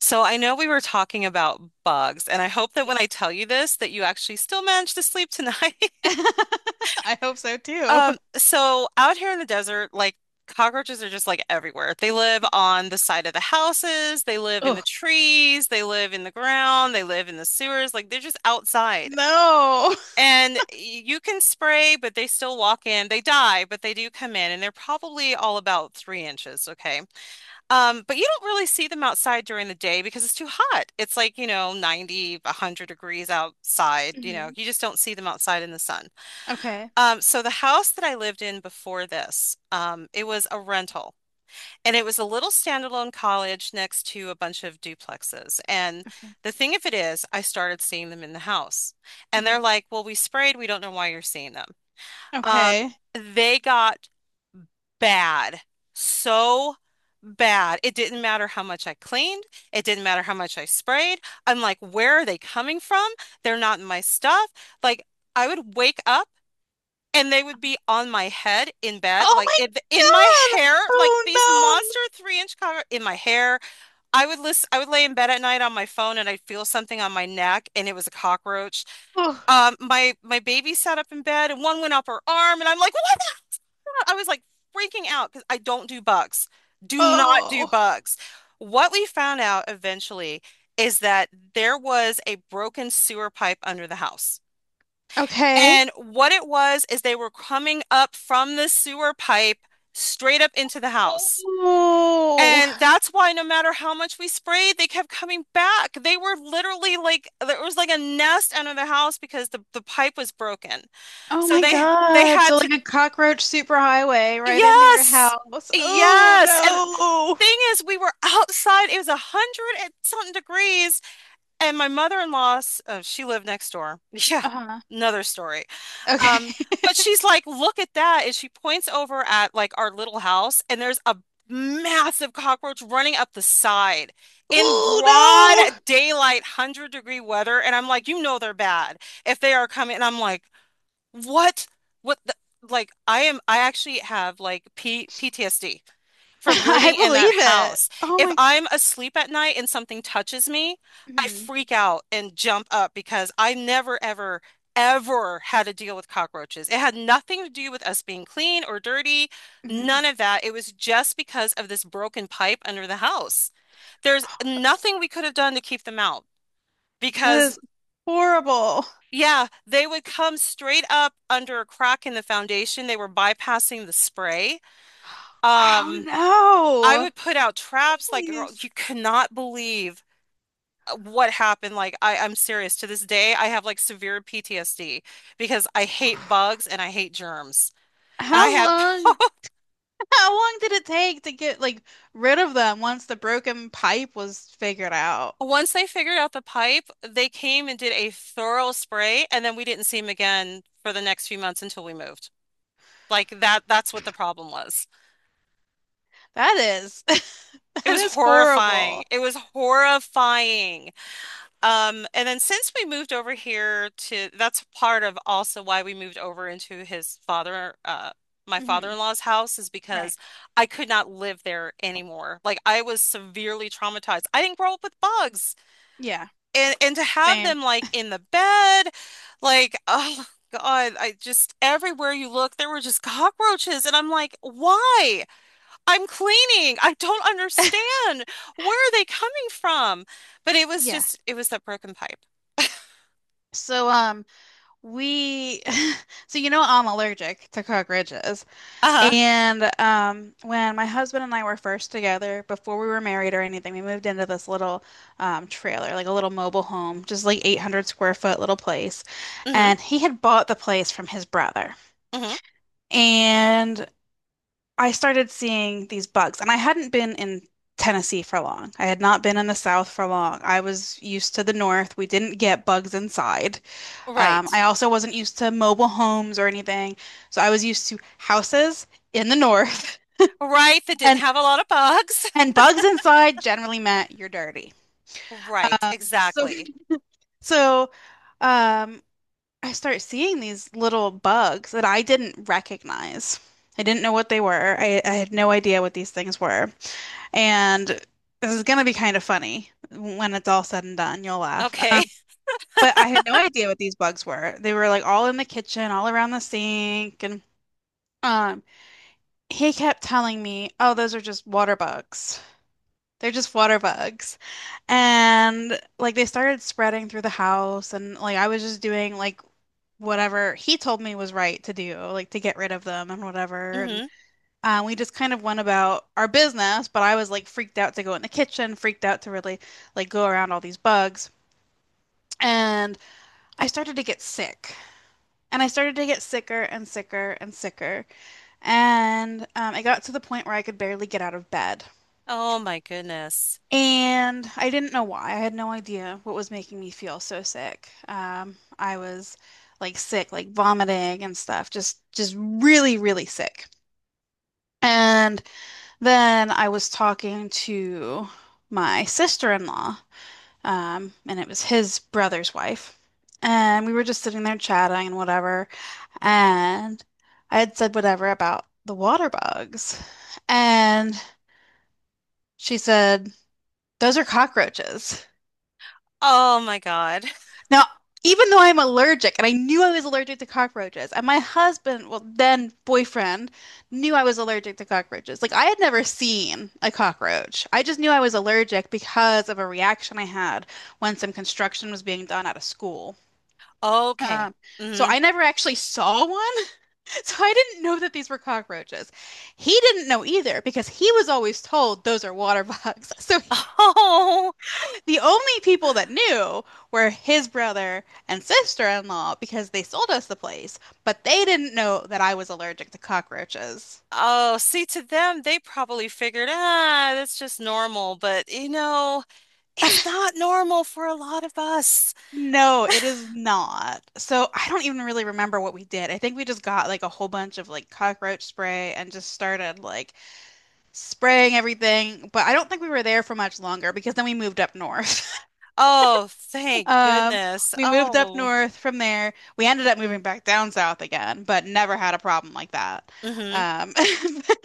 So I know we were talking about bugs, and I hope that Yeah. when I tell you this, that you actually still manage to sleep tonight. I hope so too. So out here in the desert, like cockroaches are just like everywhere. They live on the side of the houses, they live in the Oh, trees, they live in the ground, they live in the sewers, like they're just outside. no. And you can spray, but they still walk in. They die, but they do come in, and they're probably all about 3 inches, okay? But you don't really see them outside during the day because it's too hot. It's like, you know, 90, 100 degrees outside. You know, Mhm. you just don't see them outside in the sun. Okay. So the house that I lived in before this, it was a rental and it was a little standalone college next to a bunch of duplexes. And Okay. the thing of it is, I started seeing them in the house and they're Mhm. like, well, we sprayed. We don't know why you're seeing them. Um, Okay. they got bad. So bad. It didn't matter how much I cleaned. It didn't matter how much I sprayed. I'm like, where are they coming from? They're not my stuff. Like, I would wake up and they would be on my head in bed, Oh like my in my God. hair, like Oh these no. monster 3 inch cover in my hair. I would listen, I would lay in bed at night on my phone and I'd feel something on my neck and it was a cockroach. Oh. My baby sat up in bed and one went up her arm and I'm like, what I was like freaking out because I don't do bugs. Do not do Oh. bugs. What we found out eventually is that there was a broken sewer pipe under the house. Okay. And what it was is they were coming up from the sewer pipe straight up into the house. Oh. And that's why no matter how much we sprayed, they kept coming back. They were literally like there was like a nest under the house because the pipe was broken. Oh So my they God. had So to like a cockroach superhighway right into your Yes. house. Oh Yes. And no. thing is, we were outside. It was 100 and something degrees. And my mother-in-law, she lived next door. Yeah, Uh-huh. another story. Um, Okay. but she's like, look at that. And she points over at like our little house, and there's a massive cockroach running up the side in Oh broad no. daylight, 100 degree weather. And I'm like, you know they're bad if they are coming. And I'm like, what? What the, like I am I actually have like P PTSD from I living in that believe it. house. Oh If my God. I'm asleep at night and something touches me, I Mhm. freak out and jump up because I never ever ever had to deal with cockroaches. It had nothing to do with us being clean or dirty, none Mhm. of that. It was just because of this broken pipe under the house. There's nothing we could have done to keep them out. That Because is horrible. yeah, they would come straight up under a crack in the foundation. They were bypassing the spray. Oh Um, I would put out traps no. like girl, Jeez. you cannot believe what happened. Like I'm serious. To this day, I have like severe PTSD because I hate bugs and I hate germs. And I How had long, how long did it take to get like rid of them once the broken pipe was figured out? once they figured out the pipe, they came and did a thorough spray, and then we didn't see them again for the next few months until we moved. Like that's what the problem was. That is, It that was is horrifying. horrible. It was horrifying. And then since we moved over here to, that's part of also why we moved over into his father, my Hmm. father-in-law's house is Right. because I could not live there anymore. Like I was severely traumatized. I didn't grow up with bugs, Yeah. and to have Same. them like in the bed, like oh God, I just everywhere you look there were just cockroaches, and I'm like, why? I'm cleaning. I don't understand. Where are they coming from? But it was Yeah. just, it was that broken pipe. So we so you know I'm allergic to cockroaches. Uh-huh. And when my husband and I were first together, before we were married or anything, we moved into this little trailer, like a little mobile home, just like 800 square foot little place. Mm-hmm. And he had bought the place from his brother. Mm-hmm. And I started seeing these bugs. And I hadn't been in Tennessee for long. I had not been in the South for long. I was used to the North. We didn't get bugs inside. Right. I also wasn't used to mobile homes or anything. So I was used to houses in the north. Right. That didn't and have a lot of bugs. and bugs inside generally meant you're dirty. Right. Um, so Exactly. so um, I start seeing these little bugs that I didn't recognize. I didn't know what they were. I had no idea what these things were. And this is going to be kind of funny when it's all said and done. You'll laugh. Okay. But I had no idea what these bugs were. They were like all in the kitchen, all around the sink. And um, he kept telling me, oh, those are just water bugs. They're just water bugs. And like they started spreading through the house, and like I was just doing like whatever he told me was right to do, like to get rid of them and whatever. And Mm-hmm. We just kind of went about our business, but I was like freaked out to go in the kitchen, freaked out to really like go around all these bugs. And I started to get sick. And I started to get sicker and sicker and sicker. And it got to the point where I could barely get out of bed. Oh my goodness. And I didn't know why. I had no idea what was making me feel so sick. I was like sick, like vomiting and stuff, just really, really sick. And then I was talking to my sister-in-law, and it was his brother's wife. And we were just sitting there chatting and whatever. And I had said whatever about the water bugs. And she said, those are cockroaches. Oh my God. Now, even though I'm allergic and I knew I was allergic to cockroaches, and my husband, well, then boyfriend, knew I was allergic to cockroaches. Like, I had never seen a cockroach. I just knew I was allergic because of a reaction I had when some construction was being done at a school. Okay. Um, so Mm-hmm. I never actually saw one. So I didn't know that these were cockroaches. He didn't know either because he was always told those are water bugs. So Oh. the only people that knew were his brother and sister-in-law because they sold us the place, but they didn't know that I was allergic to cockroaches. Oh, see, to them, they probably figured, ah, that's just normal. But, you know, it's not normal for a lot of us. No, it is not. So I don't even really remember what we did. I think we just got like a whole bunch of like cockroach spray and just started like spraying everything, but I don't think we were there for much longer because then we moved up north. Oh, thank Um, goodness. we moved up Oh, north from there. We ended up moving back down south again, but never had a problem like that. hmm. Um,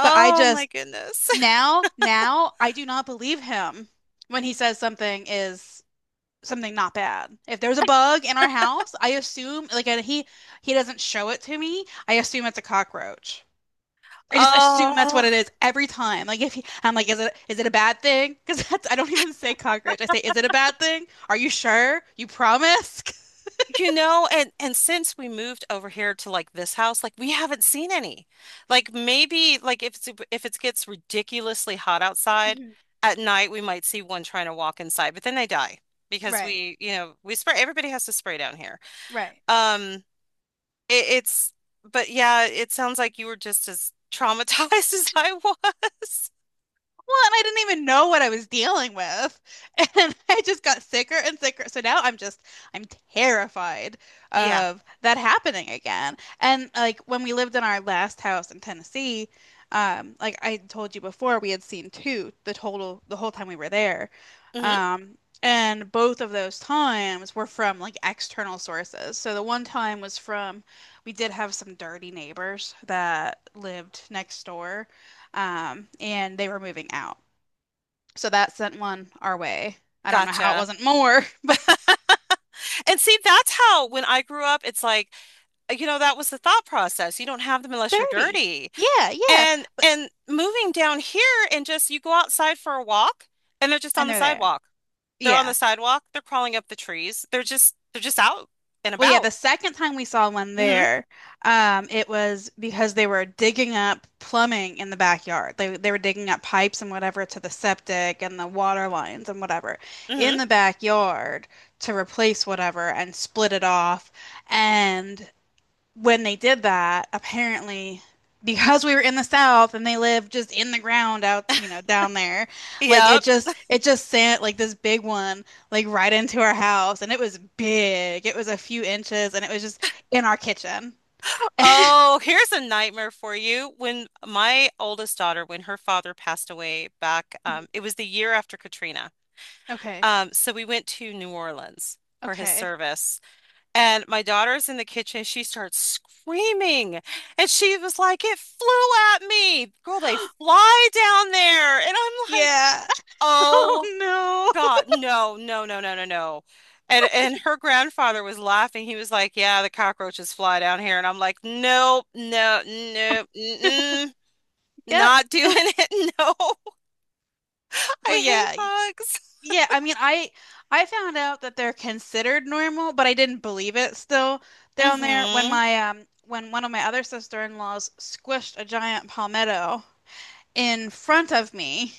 But I my just goodness. now, now I do not believe him when he says something is something not bad. If there's a bug in our house, I assume like, and he doesn't show it to me. I assume it's a cockroach. I just assume that's what Oh, it is every time. Like if he, I'm like, is it a bad thing? Because that's, I don't even say cockroach. I say, is it a bad thing? Are you sure? You promise? you know, and since we moved over here to like this house, like we haven't seen any. Like maybe like if it's if it gets ridiculously hot outside at night, we might see one trying to walk inside, but then they die because Right, we, you know, we spray. Everybody has to spray down here. right. Um, it's but yeah, it sounds like you were just as traumatized as I was. Well, and I didn't even know what I was dealing with. And I just got sicker and sicker. So now I'm just, I'm terrified Yeah. of that happening again. And like when we lived in our last house in Tennessee, like I told you before, we had seen two the total, the whole time we were there. Mm-hmm. Um, and both of those times were from like external sources. So the one time was from, we did have some dirty neighbors that lived next door, and they were moving out. So that sent one our way. I don't know how it Gotcha. wasn't more. And see, that's how when I grew up, it's like, you know, that was the thought process. You don't have them unless you're 30. dirty. Yeah, yeah. And But moving down here and just you go outside for a walk and they're just on and the they're there. sidewalk. They're on Yeah. the sidewalk, they're crawling up the trees. They're just out and Well, yeah, the about. second time we saw one Hmm. there, it was because they were digging up plumbing in the backyard. They were digging up pipes and whatever to the septic and the water lines and whatever Hmm. in the backyard to replace whatever and split it off. And when they did that, apparently, because we were in the South and they lived just in the ground out, you know, down there, like it Yep. just it just sent like this big one like right into our house, and it was big. It was a few inches, and it was just in our kitchen. Oh, here's a nightmare for you. When my oldest daughter, when her father passed away back, Mhm. it was the year after Katrina. Okay. So we went to New Orleans for his Okay. service, and my daughter's in the kitchen. She starts screaming, and she was like, "It flew at me, girl! They fly down there!" And I'm like, Yeah. Oh "Oh no. God, no, no, no, no, no, no!" And her grandfather was laughing. He was like, "Yeah, the cockroaches fly down here," and I'm like, "Nope, no, no, mm-mm, Yep. not doing it. No, Well, I hate yeah. bugs." Yeah, I mean, I found out that they're considered normal, but I didn't believe it still down there when Hmm. my when one of my other sister-in-laws squished a giant palmetto in front of me.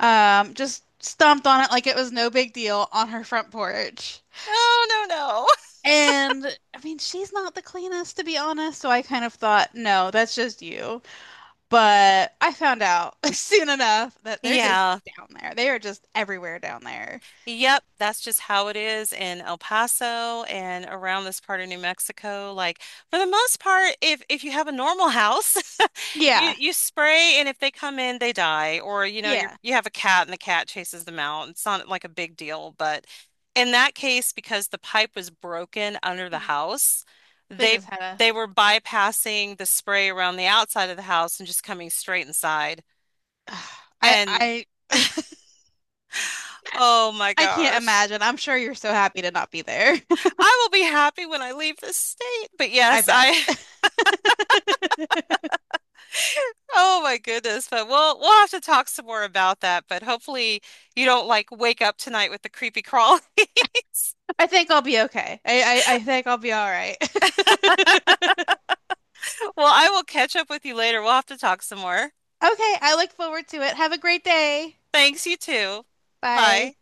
Just stomped on it like it was no big deal on her front porch. No, no, no. And I mean, she's not the cleanest to be honest, so I kind of thought, no, that's just you. But I found out soon enough that they're just Yeah. down there. They are just everywhere down there. Yep, that's just how it is in El Paso and around this part of New Mexico. Like for the most part, if you have a normal house, you Yeah. you spray and if they come in, they die. Or you know, you Yeah. you have a cat and the cat chases them out. It's not like a big deal, but in that case, because the pipe was broken under the Mm-hmm. house, They they just had a. they were bypassing the spray around the outside of the house and just coming straight inside. I And I oh my I can't gosh. imagine. I'm sure you're so happy to not be there. I will be happy when I leave this state. But I yes, bet. Oh my goodness. But we'll have to talk some more about that. But hopefully you don't like wake up tonight with the creepy crawlies. I think I'll be okay. I think I'll be all right. Okay, Well, I will catch up with you later. We'll have to talk some more. I look forward to it. Have a great day. Thanks, you too. Bye. Bye.